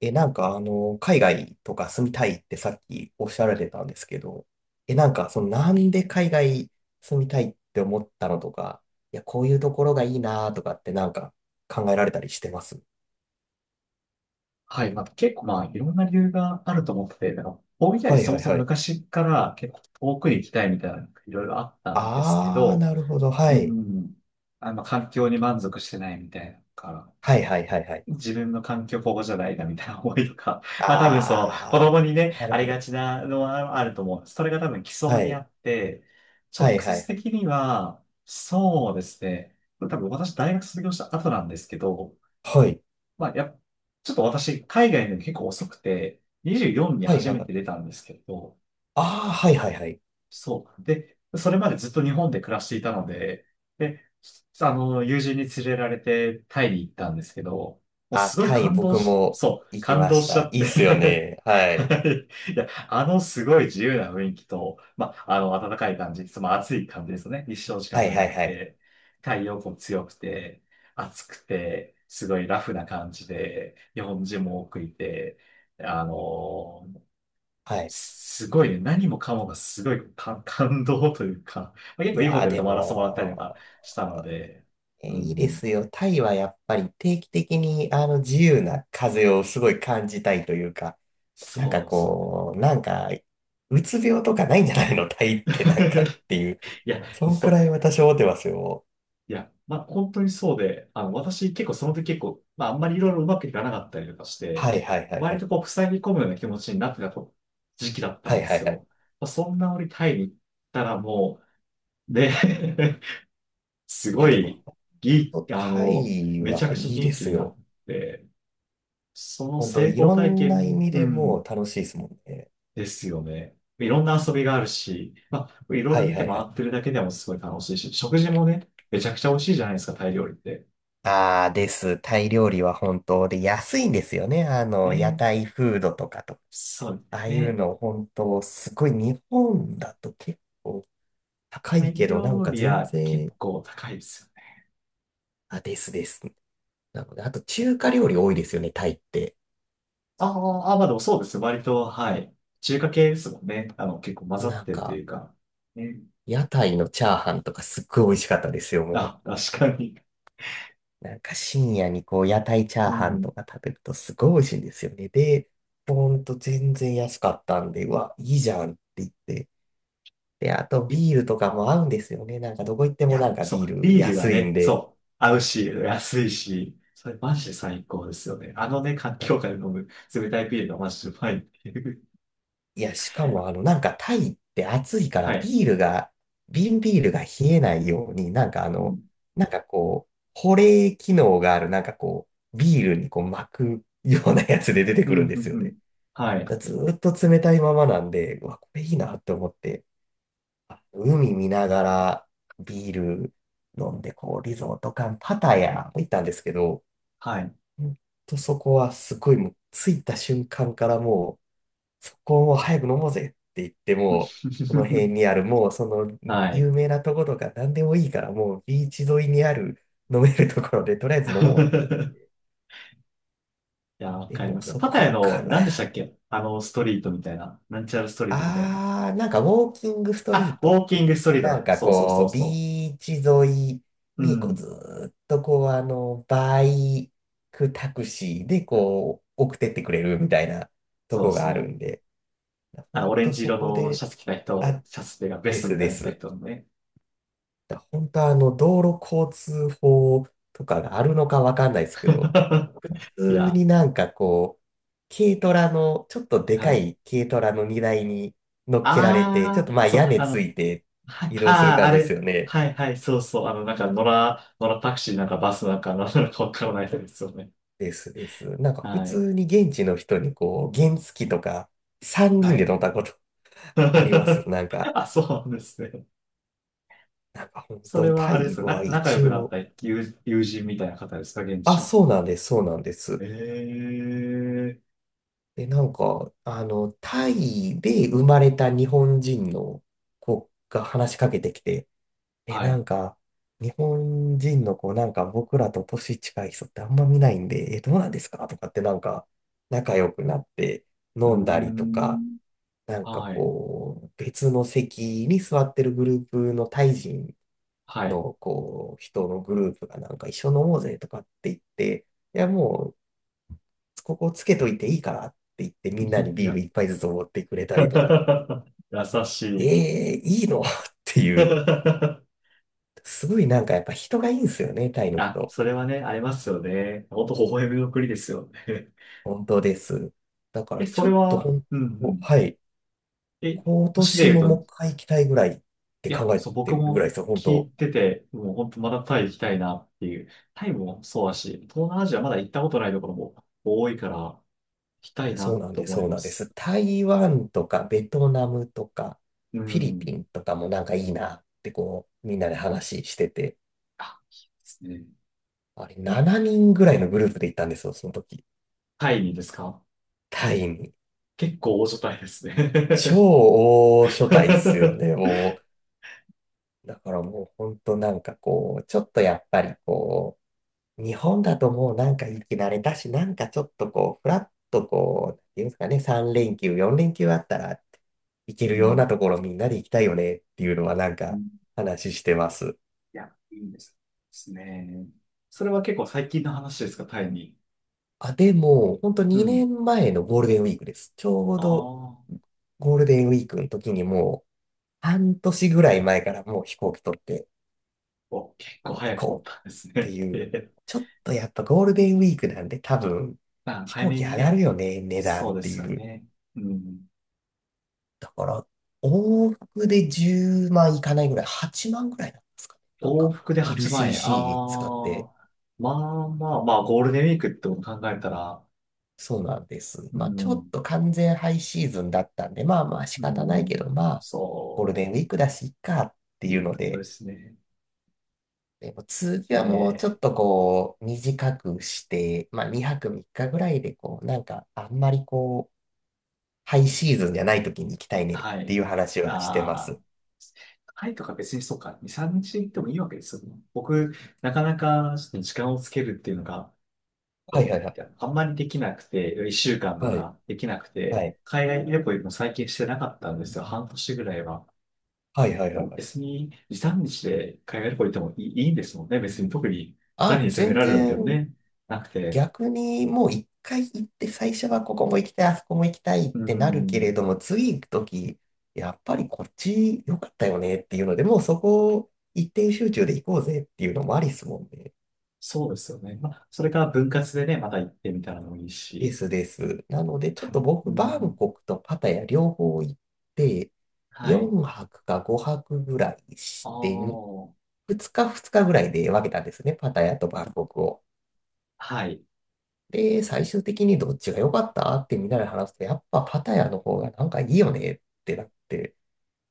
え、なんかあの、海外とか住みたいってさっきおっしゃられてたんですけど、え、なんかそのなんで海外住みたいって思ったのとか、いや、こういうところがいいなとかって考えられたりしてます？はい。まあ、結構まあ、いろんな理由があると思ってて、なんか、大分よりはいそもはいそもはい。昔から結構遠くに行きたいみたいな、いろいろあったんですけあー、ど、なるほど。はうい。ん。環境に満足してないみたいなのから、はいはいはいはい。自分の環境ここじゃないなみたいな思いとか、まあ多分その、子供あにね、ー、なあるほりど。がちなのはあると思う。それが多分基礎はにい。あって、は直いは接いはい。的には、そうですね。多分私大学卒業した後なんですけど、はい。まあ、ちょっと私、海外で結構遅くて、24にはい初はいめはい。て出たんですけど、あー、はいはいはい。そう。で、それまでずっと日本で暮らしていたので、で、友人に連れられてタイに行ったんですけど、もうあ、すごいタイ感動僕し、もそう、行き感ま動ししちた。ゃっいいっすよてね。ははい。い。 いや、あのすごい自由な雰囲気と、まあ、あの暖かい感じ、その暑い感じですよね。日照時間はいは長いくはい。て、太陽光強くて、暑くて、すごいラフな感じで、日本人も多くいて、あのはい。すごいね、何もかもがすごい感、感動というか、まあ、結い構いいホやーテルで泊まらせてもらったりとかも、したので、えーういいでん、すよ。タイはやっぱり定期的に自由な風をすごい感じたいというか、なんそかうですよね。こう、なんか、うつ病とかないんじゃないの タイってなんかっていう。いや、そんそくう。らい私思ってますよ。いや、まあ、本当にそうで、あの、私結構その時結構、まあ、あんまりいろいろうまくいかなかったりとかして、はいはいはいは割い。とこう、塞ぎ込むような気持ちになってたと時期だったはんいではすいはい。よ。まあ、そんな折タイに行ったらもう、で、すいやごでも、い、ほぎ、んとあタの、イめちゃはくちゃいいで元気すになよ。って、その本当成い功ろ体んな意験、味うでもん、う楽しいですもんね。ですよね。いろんな遊びがあるし、まあ、いろいはろい見はてい回はい。ってるだけでもすごい楽しいし、食事もね、めちゃくちゃ美味しいじゃないですか、タイ料理って。ああです。タイ料理は本当で安いんですよね。あの、屋ね、台フードとかと。そうあであすいうね。の本当すごい、日本だと結構高タいイけど、なん料か理全は結然。構高いですよね。あ、ですです。なので、あと中華料理多いですよね、タイって。あー、あー、あ、まあでもそうですよ。割と、はい。中華系ですもんね。あの、結構混ざっなんてるとか、いうか。ね。屋台のチャーハンとかすっごい美味しかったですよ、もあ、確かに。う。なんか深夜にこう屋台チャーうハンん。とか食べるとすごい美味しいんですよね。で、ほんと全然安かったんで、うわ、いいじゃんって言って。で、あといいビールとかも合うんですよね。なんかどこ行ってもなんや、かそビう。ールビールが安いんね、で。そう。合うし、安いし。それマジで最高ですよね。あのね、環境下で飲む冷たいビールがマジでうまいっていう。いや、しかもタイって暑い からはい。ビールが、瓶ビールが冷えないように、うん。保冷機能がある、ビールにこう巻くようなやつで出てうん、くうるんですん、ようん。ね。はい。だずーっと冷たいままなんで、うわ、これいいなって思って、あ、海見ながらビール飲んで、こう、リゾート感、パタヤ行ったんですけど、はい。ほんとそこはすごいもう、着いた瞬間からもう、そこをもう早く飲もうぜって言って、もう、この 辺にある、もうそのはい。有名なとことか何でもいいから、もうビーチ沿いにある飲めるところで、とりあえず飲もうって いやー、わ言っかて、りもまうすよ。そパタヤこかの、ら、何 でしたっけあの、ストリートみたいな。なんちゃらストリートみたいな。あー、なんかウォーキングストリあ、ーウトっォーてキ言ンっグストて、リートなんだ。かそう、そう、そう、こう、そビーチ沿いう。うにこうずん。ーっとこう、あの、バイクタクシーでこう、送ってってくれるみたいなとそうこでがすあるね。んで、あの、本オレン当ジそ色このシで。ャツ着た人、あ、シャツっていうかベでストすみたいでなの着たす。人のね。本当あの、道路交通法とかがあるのかわかんないですけど、普 い通や、になんかこう、軽トラの、ちょっとではかい。い軽トラの荷台に乗っけられて、ちょあっとあ、まあそ屋う、根あつの、いてはい、移動するああ、感あじですれ。よね。はい、はい、そう、そう。あの、なんか、野良タクシーなんかバスなんか、なんなのかわからないですよね。ですです。なんか普はい。通に現地の人にこう、原付とか3は人でい。乗ったことありますよ。なんか、あ、そうなんですね。なんか本それ当はタあれですイかな、は仲良一くなった応、友、友人みたいな方ですか、現地あ、の。そうなんです、そうなんです。ええ、で、なんか、あの、タイで生まれた日本人の子が話しかけてきて、え、はない。んか、日本人の子、なんか僕らと年近い人ってあんま見ないんで、え、どうなんですかとかってなんか、仲良くなってうー飲んだりとか、ん。なんかはい。こう、別の席に座ってるグループのタイ人はい。のこう、人のグループがなんか一緒に飲もうぜとかって言って、いや、も、ここつけといていいからって言ってみんなに いビールや、一杯ずつおごってくれたり とか、優しい。ええいいの？ っていう、すごいなんかやっぱ人がいいんですよね、タイのあ、人。それはね、ありますよね。ほんと微笑みの国ですよね。本当です。だか え、らそちょれっとは、本うん、う当、ん。はい。え、今市で年言うももとう一回行きたいぐらいっていや、考えそう、て僕るぐらいもですよ、本聞い当。てて、もう本当まだタイ行きたいなっていう。タイもそうだし、東南アジアまだ行ったことないところも多いから、行きたいいや、そうななんとです、思いそうまなんです。す。台湾とかベトナムとかうフィリピん。ンとかもなんかいいなってこう、みんなで話してて、あ、ですね。あれ7人ぐらいのグループで行ったんですよ、その時。タイにですか。タイに。結構大所帯です超ね。大所帯っすよ ね、もう。だからもう本当なんかこう、ちょっとやっぱりこう、日本だともうなんか生き慣れたし、なんかちょっとこう、ふらっとこう、なんていうんですかね、3連休、4連休あったら行けうるようん。なところみんなで行きたいよねっていうのはなんか話してます。いや、いいんですですね。それは結構最近の話ですか、タイに。あ、でも、本当う2ん。年前のゴールデンウィークです。ちょうあどあ、ゴールデンウィークの時にもう半年ぐらい前からもう飛行機取って、お、結構もう行早くこ取っうったんですてね。いえう、え、ちょっとやっぱゴールデンウィークなんで多分まあ、飛早行め機に上がるね。よね、値段そっうでてすよいう。ね。うん。だから、往復で10万いかないぐらい、8万ぐらいなんですかね。なん往か 復で8万円。ああ、LCC 使って、まあ、まあ、まあ、ゴールデンウィークってこと考えたら、そうなんです。うまあちょっん、と完全ハイシーズンだったんで、まあまあ仕う方ないけん、ど、まあゴールそデンウィークだし、いっかってう、いういうのことでで、すね。でも次えはもうちょっえ、とこう短くして、まあ2泊3日ぐらいでこうなんかあんまりこハイシーズンじゃない時に行きたいねっはてい。いう話はしてまあす。あ、タイとか別にそうか、2、3日行ってもいいわけですよね。僕、なかなかちょっと時間をつけるっていうのが、はいはこいはう、い。あんまりできなくて、1週間とはい。かできなくはて、い。海外旅行も最近してなかったんですよ。半年ぐらいは。はいはいではいもはい。別に、時短日で海外旅行行ってもいい、いいんですもんね。別に特に誰にあ、責め全られるわけ然。でもね、なくて。逆にもう一回行って最初はここも行きたい、あそこも行きたいっうーてなるけれん、ども、次行く時、やっぱりこっち良かったよねっていうので、もうそこを一点集中で行こうぜっていうのもありっすもんね。そうですよね。まあ、それから分割でね、また行ってみたらもいいでし。すです。なので、ちょった、とう僕、バンん、コクとパタヤ両方行って、はい。4泊か5泊ぐらいあして、あ、2日2日ぐらいで分けたんですね、パタヤとバンコクを。はい。で、最終的にどっちが良かったってみんなで話すと、やっぱパタヤの方がなんかいいよねってなって、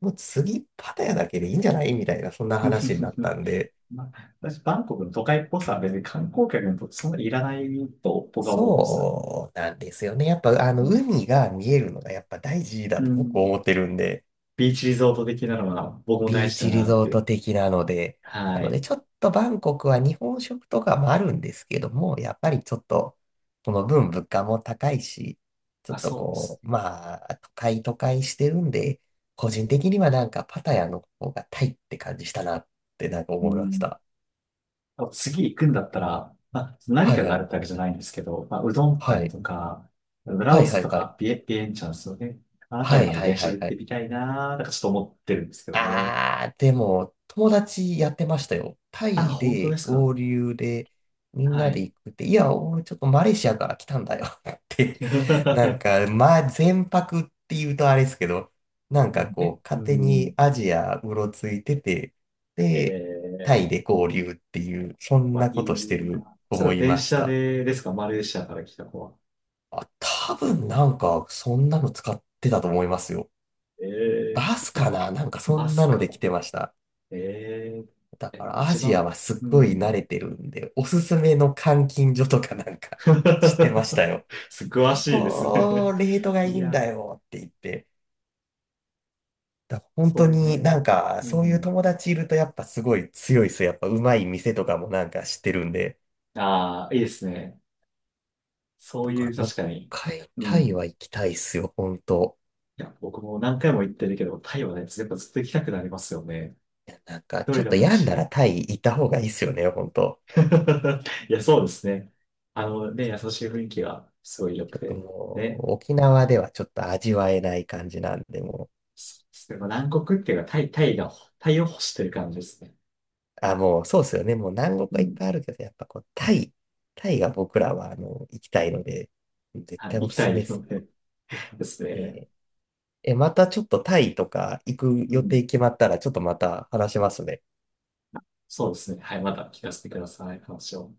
もう次パタヤだけでいいんじゃないみたいな、そんな話になった んで。まあ、私、バンコクの都会っぽさは別に観光客にとってそんなにいらないと僕は思うんですよ。そうなんですよね。やっぱあのうん。海が見えるのがやっぱ大事だうと僕ん、思ってるんで、ビーチリゾート的なのは僕も大ビー事だチリなっゾーて。ト的なので、はなのでい。ちょっとバンコクは日本食とかもあるんですけども、やっぱりちょっとこの分物価も高いし、ちょまあ、っとそうですこう、ね。まあ、都会都会してるんで、個人的にはなんかパタヤの方がタイって感じしたなってなんかう思いましん、た。もう次行くんだったら、まあ、何はかいはがあるい。ってわけじゃないんですけど、まあ、うどんは谷い。とか、ラはオいスはといはい。か、ビエンチャンスをね、あの辺はりいまではい電は車でい行っはてい。みたいなー、なんかちょっと思ってるんですけどね。あー、でも、友達やってましたよ。タあ、イ本当でですか。合流で、みんはなでい。行くって、いや、俺ちょっとマレーシアから来たんだよ って、なんか、まあ、全泊って言うとあれですけど、なんかえ、こう、う勝手にん、アジアうろついてて、えで、ター、イで合流っていう、そんまあないこいとしてるな。それ思はい電まし車た。でですか、マレーシアから来た子は。あ、多分なんか、そんなの使ってたと思いますよ。えー、いバスかや、ななんかそバんなスのか。で来てました。えー、だかえ、らア一ジア番、はすっうごい慣ん。れてるんで、おすすめの監禁所とかなんか 知ってました よ。す、詳こしいですね。こ、レートがいいいんだや、よって言って。だから本そ当ういうにね。なんかうそういうん。友達いるとやっぱすごい強いです、やっぱうまい店とかもなんか知ってるんで。ああ、いいですね。そだうかいらう、もう一確かに。回うタイん。は行きたいっすよ、本当。いや、僕も何回も言ってるけど、タイはね、やっぱずっと行きたくなりますよね。なんかどちょれっでともいい病んだし。らタイ行った方がいいっすよね、本当。いや、そうですね。あのね、優しい雰囲気がすごい良ちくょっとて。もね。う沖縄ではちょっと味わえない感じなんで、もう。そうですね。まあ南国っていうか、タイ、タイが、タイを欲してる感じですね。あ、もう、そうですよね。もう南国うはいっん。ぱいあるけど、やっぱこう、タイ、タイが僕らは、あの、行きたいので、絶はい、対行おきすたすめいですのでですね。ね。え、またちょっとタイとか行くう予定ん。決まったら、ちょっとまた話しますね。そうですね。はい、また聞かせてください、話を。